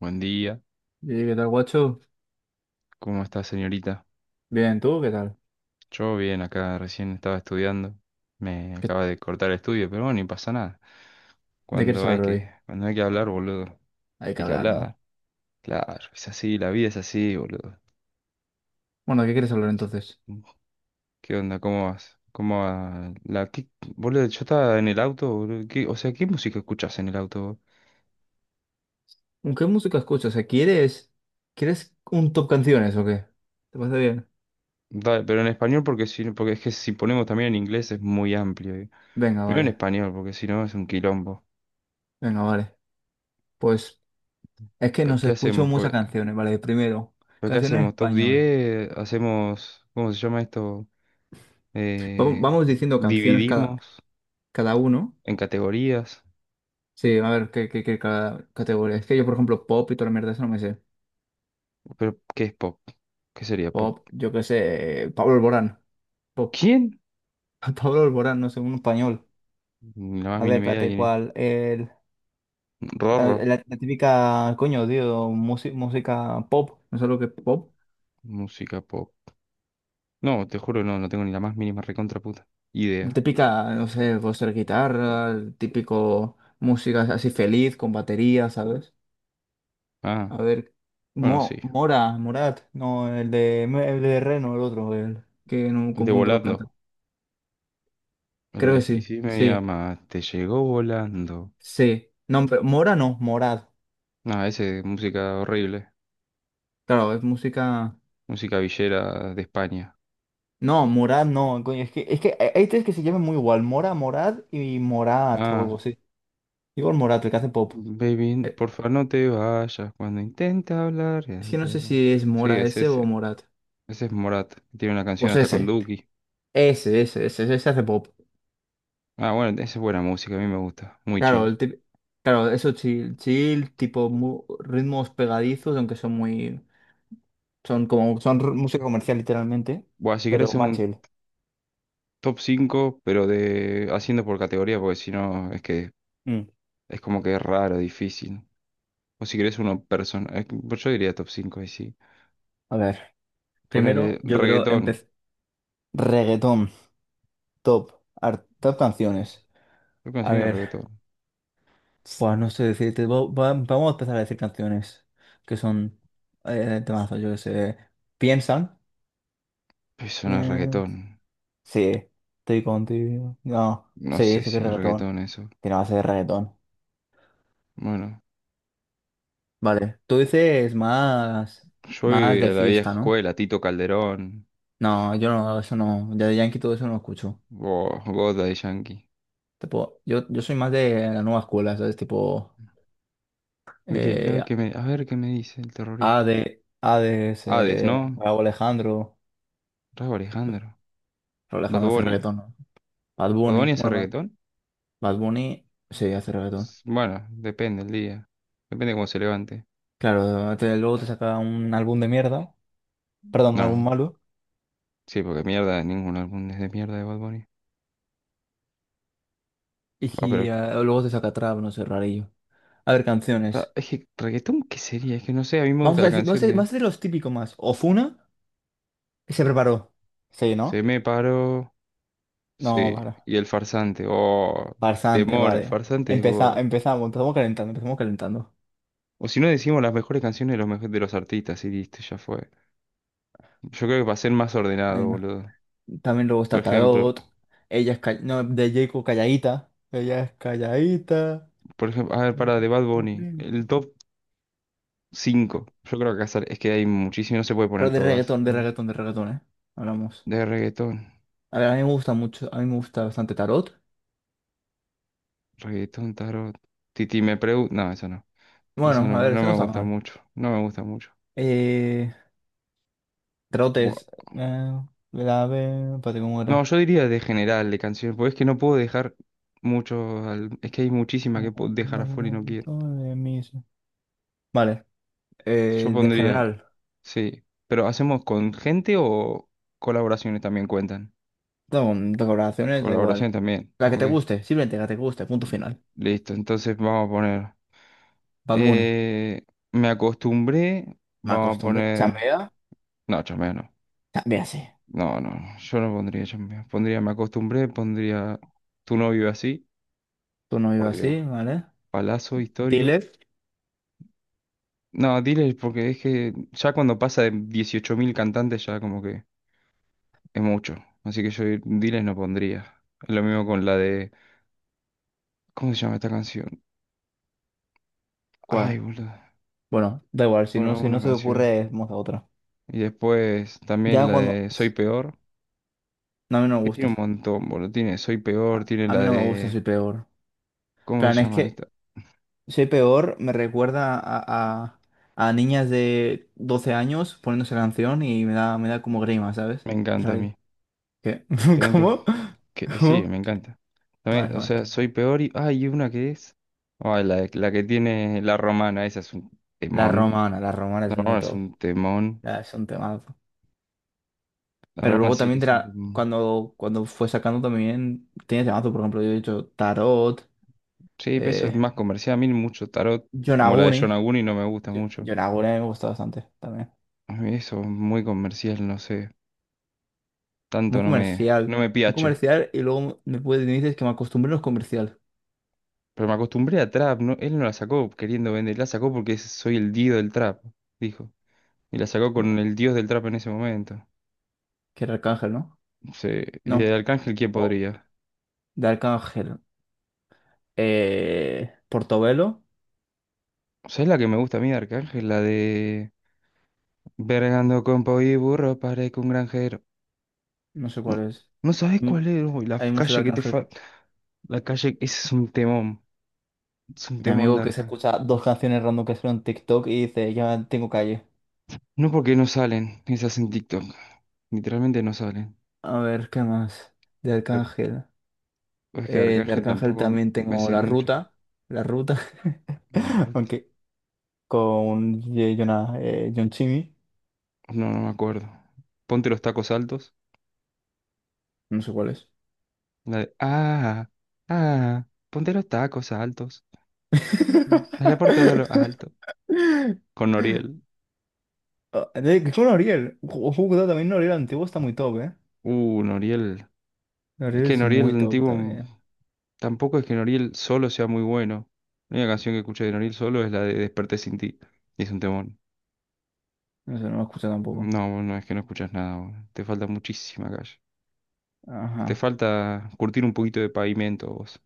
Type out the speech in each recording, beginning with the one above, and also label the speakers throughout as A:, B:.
A: Buen día,
B: ¿Y qué tal, guacho?
A: ¿cómo está señorita?
B: Bien, ¿tú qué tal?
A: Yo bien, acá recién estaba estudiando, me
B: ¿Qué-
A: acaba de cortar el estudio, pero bueno, ni pasa nada.
B: ¿De qué quieres
A: Cuando hay
B: hablar hoy?
A: que, cuando hay que hablar, boludo,
B: Hay que
A: hay que
B: hablar, ¿no?
A: hablar, claro, es así, la vida es así, boludo.
B: Bueno, ¿de qué quieres hablar entonces?
A: Mm, ¿Qué onda? ¿Cómo vas? ¿Cómo va? Boludo, yo estaba en el auto, boludo, o sea, ¿qué música escuchás en el auto?
B: ¿Con qué música escuchas? O sea, ¿quieres un top canciones o qué? ¿Te parece bien?
A: Dale, pero en español porque si, no, porque es que si ponemos también en inglés es muy amplio.
B: Venga,
A: Primero en
B: vale.
A: español, porque si no es un quilombo.
B: Venga, vale. Pues es que nos
A: ¿Qué
B: escucho
A: hacemos?
B: muchas canciones, ¿vale? Primero,
A: ¿Pero qué
B: canciones en
A: hacemos? ¿Top
B: español.
A: diez, ¿Hacemos, cómo se llama esto? Eh,
B: Vamos diciendo canciones cada,
A: Dividimos
B: cada uno.
A: en categorías.
B: Sí, a ver, ¿qué categoría? Es que yo, por ejemplo, pop y toda la mierda, eso no me sé.
A: ¿Pero qué es pop? ¿Qué sería pop?
B: Pop, yo qué sé, Pablo Alborán. Pop.
A: ¿Quién?
B: Pablo Alborán, no sé, un español.
A: Ni la más
B: A ver,
A: mínima idea de
B: espérate,
A: quién es.
B: ¿cuál? Ah,
A: Rorro.
B: la típica, coño, tío, música pop, no sé lo que es pop.
A: Música pop. No, te juro, no, no tengo ni la más mínima recontra puta
B: La
A: idea.
B: típica, no sé, puede ser guitarra, el típico música así feliz, con batería, ¿sabes?
A: Ah,
B: A ver,
A: bueno, sí.
B: Mora, Morat, no, el de Reno, el otro, el, que no
A: De
B: confundo los
A: volando.
B: cantantes.
A: El
B: Creo
A: de
B: que
A: si,
B: sí,
A: si me
B: sí,
A: llama, te llegó volando.
B: sí. No, pero Mora no, morad.
A: Ah, ese, música horrible.
B: Claro, es música...
A: Música villera de España.
B: No, Morad no, coño, es que hay tres que se llaman muy igual, Mora, Morad y Morat o algo
A: Ah.
B: así. Igor Morat, el que hace pop.
A: Baby,
B: Eh,
A: por favor no te vayas cuando intenta hablar, ya
B: Es que no
A: está,
B: sé
A: ¿no?
B: si es
A: Sí,
B: Mora
A: es
B: ese o
A: ese.
B: Morat.
A: Ese es Morat. Tiene una canción
B: Pues
A: hasta con
B: ese.
A: Duki.
B: Ese hace pop.
A: Ah, bueno, esa es buena música, a mí me gusta. Muy
B: Claro,
A: chill.
B: el tip- claro, eso chill, chill, tipo ritmos pegadizos, aunque son muy. Son como. Son música comercial, literalmente.
A: Bueno, si querés
B: Pero
A: hacer
B: más
A: un
B: chill.
A: top 5, pero de haciendo por categoría, porque si no es que
B: Mm.
A: es como que es raro, difícil. O si querés uno personal. Pues yo diría top 5 y sí.
B: A ver.
A: Ponele
B: Primero, yo creo
A: reggaetón.
B: empezar. Reggaetón. Top. Top canciones.
A: ¿Qué
B: A
A: canción es
B: ver.
A: reggaetón?
B: Pues no sé decirte. Vamos a empezar a decir canciones. Que son. Temazos, yo que sé. Piensan.
A: Eso no es
B: Bien.
A: reggaetón.
B: Sí, estoy contigo. No,
A: No
B: sí,
A: sé
B: sí que
A: si
B: es
A: es
B: reggaetón.
A: reggaetón eso.
B: Tiene base de reggaetón.
A: Bueno,
B: Vale, tú dices más, más
A: soy
B: de
A: de la vieja
B: fiesta, ¿no?
A: escuela, Tito Calderón,
B: No, yo no, eso no, ya de Yankee todo eso no escucho.
A: vos, vos Daddy Yankee.
B: Tipo, yo soy más de la nueva escuela, ¿sabes? Tipo,
A: ¿Y qué?
B: eh,
A: A ver qué me dice el terrorista.
B: Ade, Hades,
A: Hades, ¿no?
B: Rauw Alejandro.
A: Rauw
B: Pues,
A: Alejandro.
B: Rauw
A: Bad
B: Alejandro hace
A: Bunny.
B: reggaetón, ¿no? Bad
A: ¿Bad
B: Bunny,
A: Bunny hace reggaetón?
B: Bad Bunny sí hace reggaetón.
A: Bueno, depende el día. Depende cómo se levante.
B: Claro, luego te saca un álbum de mierda, perdón, un álbum
A: No,
B: malo.
A: sí, porque mierda, ningún álbum es de mierda de Bad Bunny. Ah, pero
B: Y ah, luego te saca trap, no sé, rarillo. A ver, canciones.
A: es que reggaetón, ¿qué sería? Es que no sé, a mí me gusta
B: Vamos a
A: la
B: decir,
A: canción de
B: vamos a hacer los típicos más. Ofuna, que se preparó. Sí,
A: Se
B: ¿no?
A: me paró.
B: No,
A: Sí,
B: para.
A: y el farsante. Oh,
B: Farsante,
A: temor, el
B: vale.
A: farsante.
B: Empezamos calentando, empezamos calentando.
A: O si no decimos las mejores canciones de los, de los artistas y listo, ya fue. Yo creo que va a ser más ordenado,
B: Venga.
A: boludo.
B: También luego
A: Por
B: está
A: ejemplo,
B: Tarot. No, de Jacob calladita. Ella es calladita.
A: por ejemplo, a ver, para de Bad Bunny, el top 5 yo creo que acá es que hay muchísimo, no se puede
B: Pero
A: poner
B: de
A: todas.
B: reggaetón, de
A: eh.
B: reggaetón, de reggaetón, ¿eh? Hablamos.
A: De reggaetón,
B: A ver, a mí me gusta mucho, a mí me gusta bastante Tarot.
A: reggaetón, tarot. Titi me pregunta. No, eso no. Eso
B: Bueno,
A: no,
B: a ver,
A: no
B: eso no
A: me
B: está
A: gusta
B: mal.
A: mucho. No me gusta mucho.
B: Eh, Trotes.
A: Buah.
B: Eh, grave. Espérate, ¿cómo
A: No,
B: era?
A: yo diría de general, de canciones, porque es que no puedo dejar mucho es que hay muchísimas
B: Eh,
A: que puedo dejar afuera y no quiero.
B: aumento de mis- Vale.
A: Yo
B: De
A: pondría.
B: general.
A: Sí, pero ¿hacemos con gente o colaboraciones también cuentan?
B: No, de colaboraciones da
A: Colaboración
B: igual.
A: también,
B: La que te
A: ok.
B: guste, simplemente la que te guste, punto final.
A: Listo, entonces vamos a poner...
B: Bad Bunny.
A: eh, Me acostumbré,
B: Me
A: vamos a
B: acostumbré.
A: poner...
B: Chambea.
A: No, chambea no.
B: Chambea así.
A: No, no, yo no pondría chambea. Pondría me acostumbré, pondría tu novio así,
B: Tú no vives
A: por Dios.
B: así, ¿vale?
A: Palazo histórico.
B: Dile.
A: No, dile porque es que ya cuando pasa de 18.000 cantantes ya como que es mucho. Así que yo diles no pondría. Lo mismo con la de... ¿Cómo se llama esta canción? Ay,
B: ¿Cuál?
A: boludo.
B: Bueno, da igual,
A: Bueno,
B: si
A: una
B: no se te
A: canción.
B: ocurre, vamos a otra.
A: Y después también
B: Ya
A: la
B: cuando.
A: de Soy Peor.
B: No, a mí no me
A: Que tiene
B: gusta.
A: un montón, boludo. Tiene Soy Peor,
B: A,
A: tiene
B: a mí
A: la
B: no me gusta,
A: de...
B: soy peor.
A: ¿Cómo se
B: Plan, es
A: llama
B: que
A: esta?
B: soy peor, me recuerda a- a niñas de 12 años poniendo esa canción y me da como grima, ¿sabes?
A: Me
B: Es
A: encanta a
B: ahí.
A: mí.
B: ¿Qué?
A: También te-
B: ¿Cómo?
A: que, sí, me
B: ¿Cómo?
A: encanta.
B: Vale,
A: También, o
B: vale.
A: sea, Soy Peor y... Ay, y una que es... Ay, la, la que tiene La Romana, esa es un temón.
B: La romana
A: La
B: es muy
A: Romana es
B: top.
A: un temón.
B: Ya, es un temazo.
A: La
B: Pero
A: Romana
B: luego
A: sí que
B: también
A: es un temón.
B: cuando, cuando fue sacando también tiene temazo, por ejemplo, yo he dicho Tarot,
A: Sí, pero eso es
B: eh,
A: más comercial. A mí mucho tarot, como la de
B: Yonaguni.
A: John Aguni, no me gusta mucho.
B: Yonaguni me gusta bastante también.
A: A mí eso es muy comercial, no sé.
B: Muy
A: Tanto no me,
B: comercial.
A: no me
B: Muy
A: piache.
B: comercial y luego me, puedes, me dices que me acostumbré a los comercial.
A: Pero me acostumbré a trap, ¿no? Él no la sacó queriendo vender, la sacó porque soy el dios del trap, dijo. Y la sacó
B: Buah,
A: con el dios del trap en ese momento.
B: que era Arcángel, ¿no?
A: Sí. ¿Y de
B: No.
A: Arcángel quién
B: O-
A: podría?
B: De Arcángel. Portobelo.
A: ¿Sabes la que me gusta a mí de Arcángel? La de... Vergando con po y burro, parezco un granjero.
B: No sé
A: No,
B: cuál es.
A: no sabes
B: Mm,
A: cuál es, uy, la
B: Hay mucho de
A: calle que te
B: Arcángel.
A: falta. La calle, ese es un temón. Es un
B: Mi
A: temón
B: amigo
A: de
B: que se
A: Arcángel.
B: escucha dos canciones random que son en TikTok y dice, ya tengo calle.
A: No porque no salen esas en TikTok. Literalmente no salen.
B: A ver, ¿qué más? De
A: Ar-
B: Arcángel.
A: Es que de
B: De
A: Arcángel
B: Arcángel
A: tampoco
B: también
A: me
B: tengo
A: sé
B: La
A: mucho.
B: Ruta. La Ruta.
A: La ruta.
B: Aunque con Jonah, John Chimmy.
A: No, no me acuerdo. Ponte los tacos altos.
B: No sé cuál es.
A: La de, ah, ah, Ponte los tacos altos. Me la puerta de lo alto. Con Noriel.
B: Ah, con Oriel. Ojo, cuidado, también Oriel antiguo está muy top, ¿eh?
A: Noriel. Es
B: Oriel
A: que
B: es
A: Noriel
B: muy top también.
A: Tampoco es que Noriel solo sea muy bueno. La única canción que escuché de Noriel solo es la de Desperté sin ti. Y es un temón.
B: No sé, no me escucha tampoco.
A: No, vos no es que no escuchas nada, vos. Te falta muchísima calle. Te
B: Ajá.
A: falta curtir un poquito de pavimento, vos.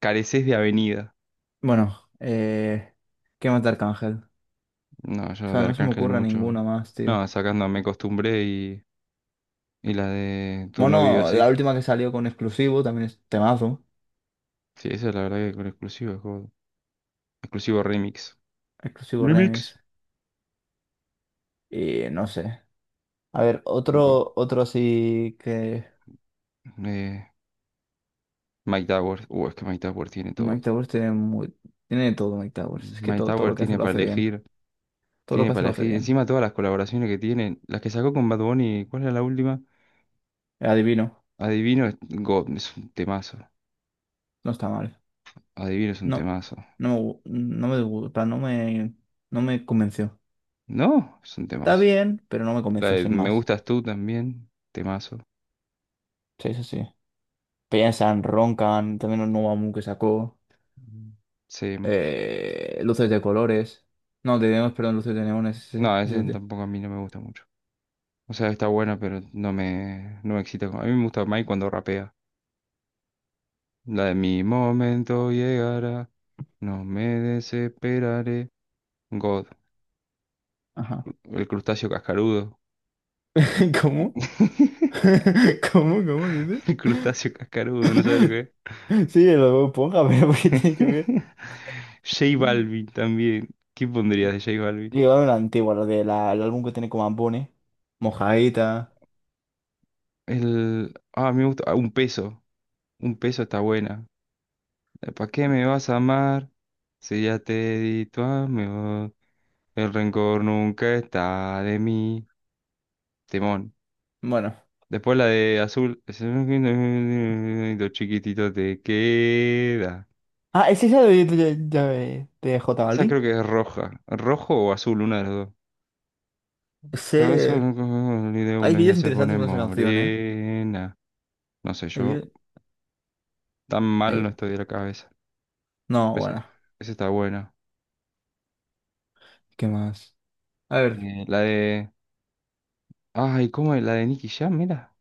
A: Careces de avenida.
B: Bueno, ¿qué más de Arcángel?
A: No,
B: O
A: yo
B: sea,
A: de
B: no se me
A: Arcángel
B: ocurre
A: mucho.
B: ninguna más, tío.
A: No, sacando Me Acostumbré y la de Tu no vive
B: Bueno,
A: así.
B: la última que salió con exclusivo también es temazo.
A: Sí, esa es la verdad que con exclusivo, God. Exclusivo remix.
B: Exclusivo remix.
A: Remix.
B: Y no sé. A ver,
A: God.
B: otro, otro así que.
A: Eh, Mike Tower. Es que Mike Tower tiene todo.
B: Mike Towers tiene muy. Tiene de todo Mike Towers. Es que
A: Mike
B: todo, todo
A: Tower
B: lo que hace
A: tiene
B: lo
A: para
B: hace bien.
A: elegir.
B: Todo lo
A: Tiene
B: que hace
A: para
B: lo hace
A: elegir.
B: bien.
A: Encima todas las colaboraciones que tiene. Las que sacó con Bad Bunny. ¿Cuál era la última?
B: El adivino.
A: Adivino es God. Es un temazo.
B: No está mal.
A: Adivino es un
B: No.
A: temazo.
B: No me gusta, no me convenció.
A: No, es un
B: Está
A: temazo.
B: bien, pero no me
A: La
B: convenció,
A: de
B: sin
A: Me
B: más.
A: Gustas Tú también. Temazo.
B: Sí, sí, sí. Piensan, roncan, también un nuevo álbum que sacó,
A: Mm. Sí.
B: luces de colores, no, de neones, perdón, luces de neones, sí,
A: No, esa
B: sí, sí.
A: tampoco a mí no me gusta mucho. O sea, está buena, pero no me, no me excita. A mí me gusta Mike cuando rapea. La de mi momento llegará, no me desesperaré. God,
B: Ajá.
A: el crustáceo cascarudo.
B: ¿Cómo? ¿Cómo? ¿Cómo dices?
A: El crustáceo cascarudo, ¿no sabes lo que es?
B: Sí, lo ponga, pero ¿por qué tiene que ver?
A: J Balvin también. ¿Qué pondrías de J Balvin?
B: Llegaba una antigua, lo del álbum que tiene como Ambone, Mojadita,
A: El... Ah, me gusta. Ah, un peso. Un peso está buena. ¿Para qué me vas a amar? Si ya te di tu amor. El rencor nunca está de mí. Timón.
B: bueno.
A: Después la de azul. Es un Dos chiquititos te queda.
B: Ah, ¿es esa de J
A: Esa creo
B: Balvin?
A: que es roja. Rojo o azul, una de las dos.
B: Sí.
A: Otra vez solo con el de
B: Hay
A: una ya
B: vídeos
A: se
B: interesantes
A: pone
B: con esa canción, ¿eh?
A: morena. No sé,
B: Hay
A: yo
B: vídeos-
A: tan mal
B: hay-
A: no estoy de la cabeza.
B: No,
A: Esa,
B: bueno,
A: esa está buena.
B: ¿qué más? A ver.
A: La de. Ay, ¿cómo es? La de Nicky Jam, mira.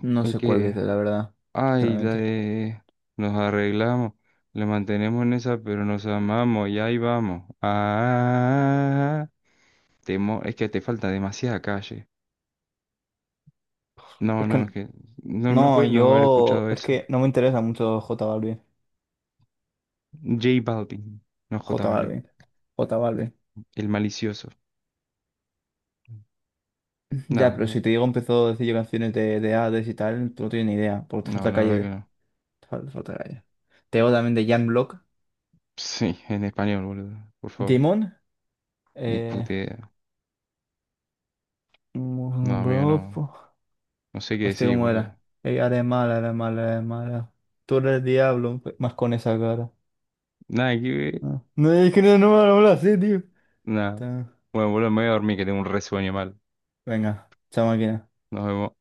B: No
A: El
B: sé cuál dice,
A: que.
B: la verdad,
A: Ay, la
B: sinceramente.
A: de... Nos arreglamos, le mantenemos en esa, pero nos amamos y ahí vamos. Ah, es que te falta demasiada calle. No,
B: Es
A: no, es
B: que
A: que no, no
B: no,
A: puedes no haber
B: yo.
A: escuchado
B: Es
A: eso.
B: que no me interesa mucho J Balvin.
A: J Balvin, no J
B: J
A: Balvin,
B: Balvin. J Balvin.
A: el malicioso. No,
B: Ya, pero
A: no,
B: si te digo, empezó a decir yo canciones de Hades y tal, tú no tienes ni idea, porque te
A: no,
B: falta
A: la verdad que
B: calle.
A: no.
B: Te falta, calle. Te digo también de Jan Block.
A: Sí, en español, boludo, por favor.
B: Demon.
A: Ni
B: Eh.
A: puta idea. No, amigo,
B: Bro,
A: no. No sé qué
B: hostia,
A: decir,
B: ¿cómo
A: boludo.
B: era? Eres mala, eres mala, eres mala. Tú eres el diablo, pues, más con esa cara.
A: Nada que ver.
B: Ah. No, es que no, no me lo sé, tío.
A: Nada.
B: Ta-
A: Bueno, boludo, me voy a dormir que tengo un resueño mal.
B: Venga, chao máquina.
A: Nos vemos.